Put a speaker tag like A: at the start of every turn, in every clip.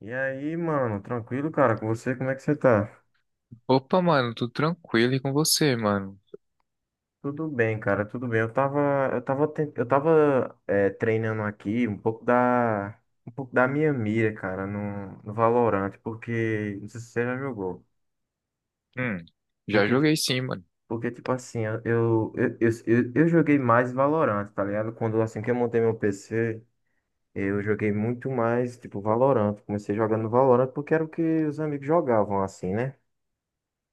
A: E aí, mano, tranquilo, cara, com você, como é que você tá?
B: Opa, mano, tudo tranquilo e com você, mano?
A: Tudo bem, cara, tudo bem. Eu tava treinando aqui um pouco da minha mira, cara, no Valorant, porque, não sei se você já jogou,
B: Hum, já
A: porque, ti-
B: joguei sim, mano.
A: porque tipo assim, eu joguei mais Valorant, tá ligado? Quando, assim, que eu montei meu PC, eu joguei muito mais, tipo, Valorant. Comecei jogando Valorant porque era o que os amigos jogavam, assim, né?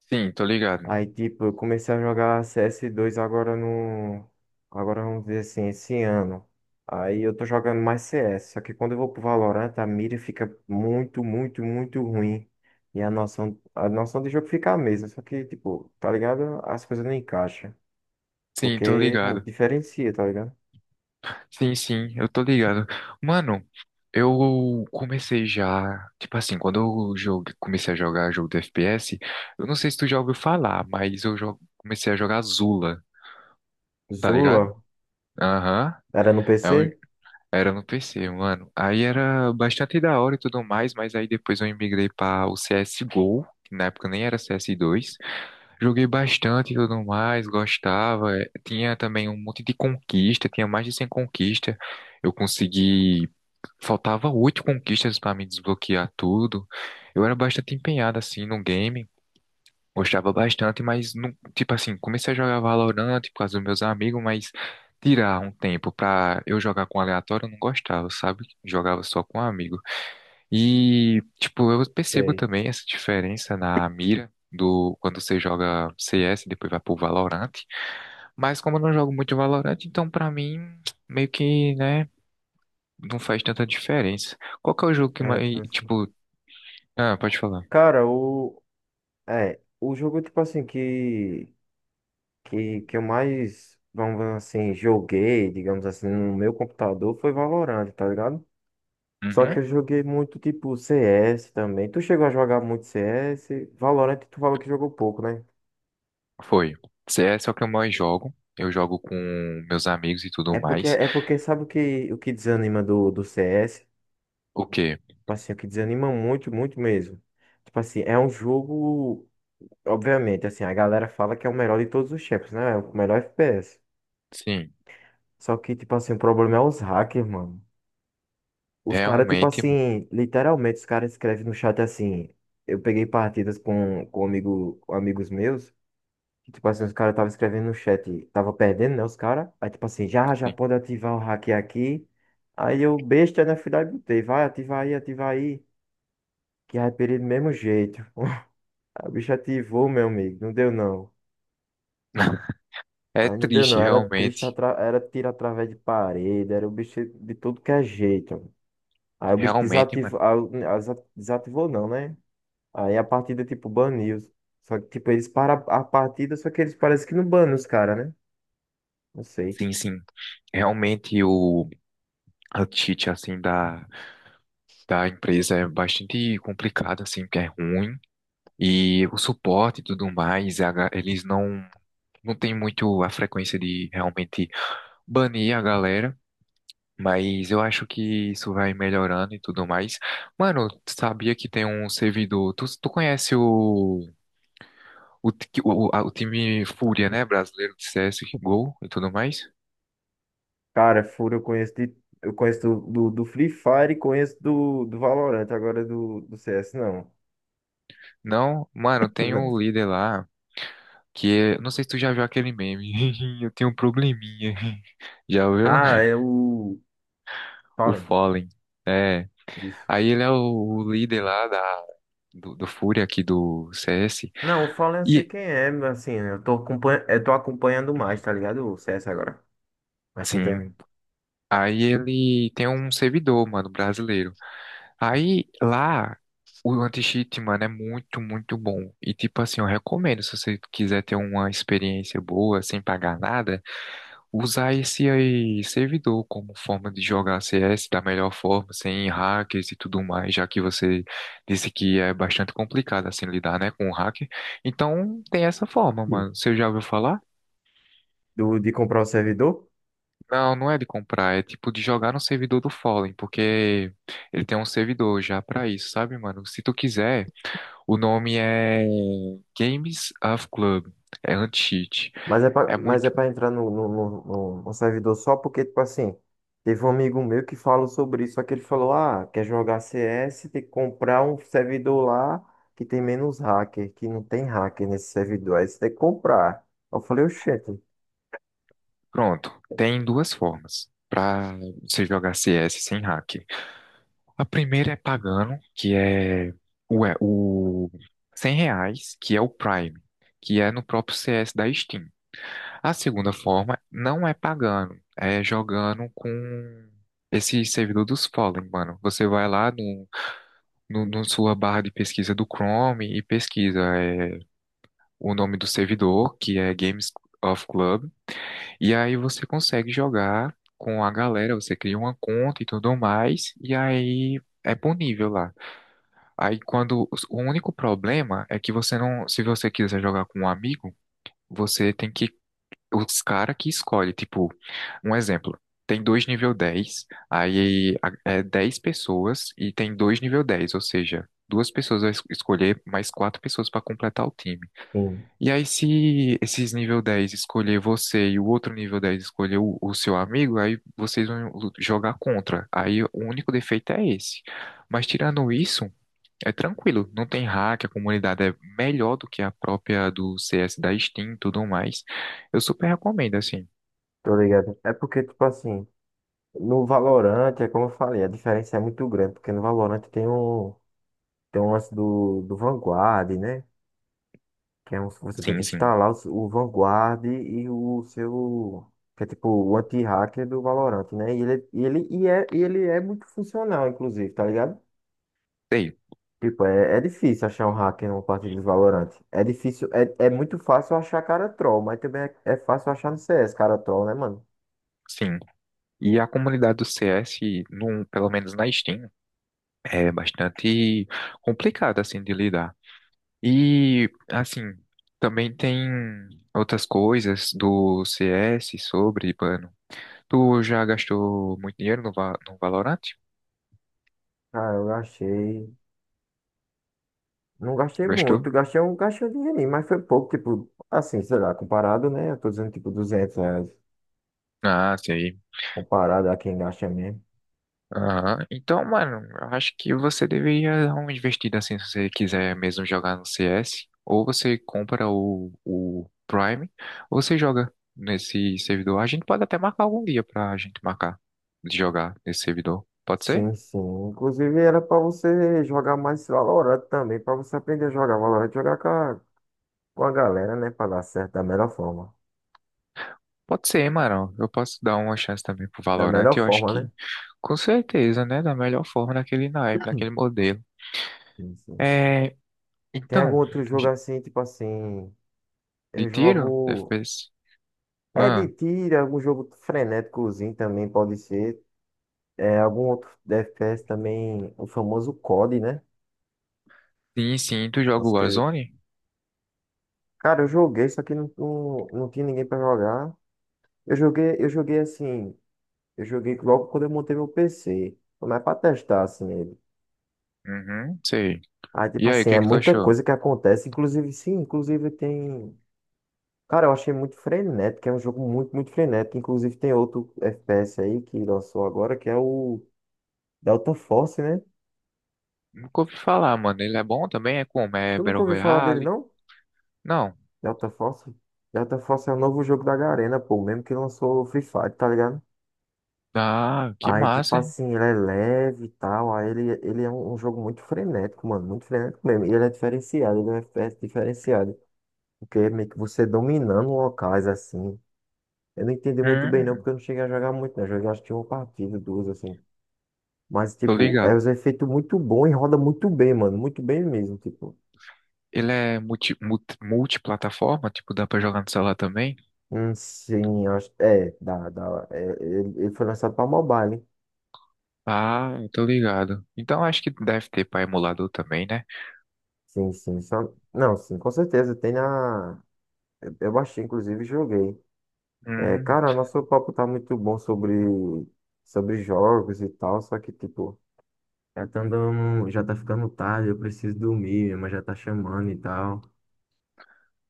B: Sim, tô ligado.
A: Aí, tipo, eu comecei a jogar CS2 agora no. Agora vamos dizer assim, esse ano. Aí eu tô jogando mais CS. Só que quando eu vou pro Valorant, a mira fica muito, muito, muito ruim. E a noção, de jogo fica a mesma. Só que, tipo, tá ligado? As coisas não encaixam.
B: Sim, tô
A: Porque
B: ligado.
A: diferencia, tá ligado?
B: Sim, sim, eu tô ligado. Mano, eu comecei já. Tipo assim, comecei a jogar jogo de FPS, eu não sei se tu já ouviu falar, mas comecei a jogar Zula, tá
A: Zula
B: ligado? Aham.
A: era no
B: é um-
A: PC?
B: Era no PC, mano. Aí era bastante da hora e tudo mais, mas aí depois eu migrei pra o CSGO, que na época nem era CS2. Joguei bastante e tudo mais, gostava. Tinha também um monte de conquista, tinha mais de 100 conquistas. Eu consegui. Faltava oito conquistas para me desbloquear tudo. Eu era bastante empenhado assim no game, gostava bastante, mas não, tipo assim, comecei a jogar Valorant por causa dos meus amigos, mas tirar um tempo pra eu jogar com aleatório eu não gostava, sabe? Jogava só com amigos. E, tipo, eu percebo
A: Sei.
B: também essa diferença na mira do quando você joga CS e depois vai pro Valorant. Mas como eu não jogo muito Valorant, então pra mim meio que, né, não faz tanta diferença. Qual que é o jogo que
A: É, tipo
B: mais,
A: assim.
B: tipo, ah, pode falar.
A: Cara, o. É, o jogo, tipo assim, que. Que eu mais, vamos dizer assim, joguei, digamos assim, no meu computador foi Valorant, tá ligado? Só que
B: Uhum.
A: eu joguei muito tipo CS também. Tu chegou a jogar muito CS? Valorant, tu falou que jogou pouco, né?
B: Foi. CS é o que eu mais jogo. Eu jogo com meus amigos e tudo
A: É porque,
B: mais.
A: é porque sabe o que, desanima do CS?
B: O quê?
A: Tipo assim, o que desanima muito, muito mesmo. Tipo assim, é um jogo, obviamente, assim, a galera fala que é o melhor de todos os tempos, né? É o melhor FPS.
B: Sim,
A: Só que, tipo assim, o problema é os hackers, mano. Os caras, tipo
B: realmente.
A: assim, literalmente, os caras escrevem no chat assim. Eu peguei partidas com um amigo, com amigos meus, que, tipo assim, os caras estavam escrevendo no chat, tava perdendo, né, os caras. Aí, tipo assim, já
B: Sim.
A: pode ativar o hack aqui. Aí eu, besta, né, fui lá e botei, vai, ativa aí, ativa aí. Que aí, perdi do mesmo jeito. A bicha ativou, meu amigo, não deu não.
B: É
A: Aí não deu
B: triste,
A: não, era triste,
B: realmente.
A: era tiro através de parede, era o bicho de tudo que é jeito. Aí o bicho
B: Realmente, mano.
A: desativou, aí o- aí desa- desativou não, né? Aí a partida, tipo, baniu. Só que, tipo, eles param a partida, só que eles parecem que não banam os caras, né? Não sei.
B: Sim, sim. Realmente o a cheat, assim, da empresa é bastante complicada, assim, porque é ruim. E o suporte e tudo mais, eles não têm muito a frequência de realmente banir a galera. Mas eu acho que isso vai melhorando e tudo mais. Mano, tu sabia que tem um servidor. Tu conhece o, ti- o, a- o time Fúria, né? Brasileiro de CSGO e tudo mais?
A: Cara, Furo eu conheço de, eu conheço do Free Fire e conheço do Valorant, agora do CS, não.
B: Não? Mano, tem um líder lá. Que é, não sei se tu já viu aquele meme. Eu tenho um probleminha. Já viu?
A: Ah, é o
B: O
A: Fallen,
B: Fallen. É.
A: isso.
B: Aí ele é o líder lá do Fúria aqui do CS.
A: Não, o Fallen eu sei
B: E,
A: quem é, mas assim, eu tô acompanhando mais, tá ligado? O CS agora. Mas sim,
B: assim,
A: também.
B: aí ele tem um servidor, mano, brasileiro. Aí lá, o anti-cheat, mano, é muito, muito bom. E, tipo assim, eu recomendo se você quiser ter uma experiência boa, sem pagar nada. Usar esse aí servidor como forma de jogar CS da melhor forma, sem hackers e tudo mais, já que você disse que é bastante complicado assim lidar, né, com o hacker. Então tem essa forma,
A: Hum.
B: mano. Você já ouviu falar?
A: De comprar o servidor?
B: Não, não é de comprar, é tipo de jogar no servidor do Fallen, porque ele tem um servidor já pra isso, sabe, mano? Se tu quiser, o nome é Games of Club, é anti-cheat.
A: Mas é pra,
B: É muito
A: entrar no servidor só porque, tipo assim, teve um amigo meu que falou sobre isso, só que ele falou, ah, quer jogar CS, tem que comprar um servidor lá que tem menos hacker, que não tem hacker nesse servidor, aí você tem que comprar. Eu falei, oxente,
B: Pronto. Tem duas formas pra você jogar CS sem hack. A primeira é pagando, que é o 100 reais, que é o Prime, que é no próprio CS da Steam. A segunda forma não é pagando, é jogando com esse servidor dos Fallen, mano. Você vai lá no sua barra de pesquisa do Chrome e pesquisa é, o nome do servidor, que é Games of Club, e aí você consegue jogar com a galera, você cria uma conta e tudo mais, e aí é ponível lá. Aí quando o único problema é que você não, se você quiser jogar com um amigo, você tem que os cara que escolhe, tipo, um exemplo, tem dois nível 10, é 10 pessoas e tem dois nível 10, ou seja, duas pessoas vai escolher mais quatro pessoas para completar o time.
A: sim,
B: E aí se esses nível 10 escolher você e o outro nível 10 escolher o seu amigo, aí vocês vão jogar contra. Aí o único defeito é esse. Mas tirando isso, é tranquilo, não tem hack, a comunidade é melhor do que a própria do CS da Steam e tudo mais. Eu super recomendo, assim.
A: tô ligado. É porque, tipo assim, no Valorant, é como eu falei, a diferença é muito grande, porque no Valorant tem um, lance do Vanguard, né? Que é você tem que
B: Sim, sim,
A: instalar o, o Vanguard e o seu. Que é tipo o anti-hacker do Valorant, né? E ele é muito funcional, inclusive, tá ligado?
B: sei,
A: Tipo, é difícil achar um hacker numa partida de Valorant. É difícil, é muito fácil achar cara troll, mas também é fácil achar no CS cara troll, né, mano?
B: sim. E a comunidade do CS, no, pelo menos na Steam, é bastante complicada, assim, de lidar. E, assim, também tem outras coisas do CS sobre, mano. Tu já gastou muito dinheiro no, no Valorant?
A: Ah, eu gastei. Não gastei muito,
B: Gastou?
A: gastei um, dinheirinho, mas foi pouco, tipo, assim, sei lá, comparado, né? Eu tô dizendo, tipo, R$ 200,
B: Ah, sim.
A: comparado a quem gasta mesmo.
B: Aham. Então, mano, eu acho que você deveria dar uma investida assim se você quiser mesmo jogar no CS. Ou você compra o Prime, ou você joga nesse servidor. A gente pode até marcar algum dia pra gente marcar de jogar nesse servidor. Pode ser?
A: Sim, sim. Inclusive era pra você jogar mais Valorant também, pra você aprender a jogar Valorant, jogar com a galera, né? Pra dar certo da melhor forma.
B: Pode ser, mano. Eu posso dar uma chance também pro
A: Da
B: Valorant.
A: melhor
B: Eu acho
A: forma, né?
B: que, com certeza, né? Da melhor forma, naquele naipe, naquele modelo.
A: Sim, sim.
B: É.
A: Tem algum
B: Então,
A: outro jogo assim, tipo assim,
B: de
A: eu
B: tiro?
A: jogo.
B: FPS?
A: É de
B: Ah,
A: tiro, é algum jogo frenéticozinho também pode ser. É algum outro FPS também, o famoso COD, né?
B: sim, sim. Tu joga o
A: Nossa, que...
B: Warzone?
A: Cara, eu joguei, só que não tinha ninguém pra jogar. Eu joguei assim. Eu joguei logo quando eu montei meu PC. Foi mais pra testar, assim, ele.
B: Uhum, sei.
A: Aí, tipo
B: E aí, o
A: assim,
B: que
A: é
B: que tu
A: muita
B: achou?
A: coisa que acontece. Inclusive, sim, inclusive tem. Cara, eu achei muito frenético, é um jogo muito, muito frenético. Inclusive, tem outro FPS aí que lançou agora, que é o Delta Force, né?
B: Nunca ouvi falar, mano. Ele é bom também? É como? É
A: Tu nunca
B: Battle
A: ouviu falar dele,
B: Royale?
A: não?
B: Não.
A: Delta Force? Delta Force é o novo jogo da Garena, pô, mesmo que lançou o Free Fire, tá ligado?
B: Ah, que
A: Aí, tipo
B: massa, hein?
A: assim, ele é leve e tal. Aí ele é um, jogo muito frenético, mano. Muito frenético mesmo. E ele é diferenciado, ele é um FPS diferenciado. Porque é meio que você dominando locais assim. Eu não entendi muito bem não,
B: Hum,
A: porque eu não cheguei a jogar muito, né? Joguei acho que uma partida, duas assim. Mas,
B: tô
A: tipo, é
B: ligado.
A: os efeitos muito bom e roda muito bem, mano. Muito bem mesmo, tipo.
B: Ele é multi, multi, multiplataforma, tipo, dá pra jogar no celular também?
A: Sim, acho. É, dá, dá. É, ele foi lançado pra mobile, hein?
B: Ah, eu tô ligado. Então acho que deve ter pra emulador também, né?
A: Sim, sim. Só... Não, sim, com certeza. Tem na. Eu baixei, inclusive, e joguei. É,
B: Hum,
A: cara, nosso papo tá muito bom sobre jogos e tal, só que, tipo. Já tá andando, já tá ficando tarde, eu preciso dormir, minha mãe já tá chamando e tal.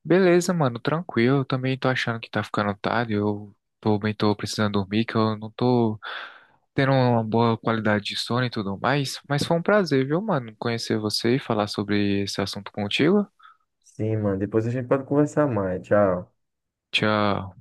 B: beleza, mano, tranquilo. Eu também tô achando que tá ficando tarde. Eu também tô precisando dormir, que eu não tô. Ter uma boa qualidade de sono e tudo mais. Mas foi um prazer, viu, mano, conhecer você e falar sobre esse assunto contigo.
A: Sim, mano, depois a gente pode conversar mais. Tchau.
B: Tchau.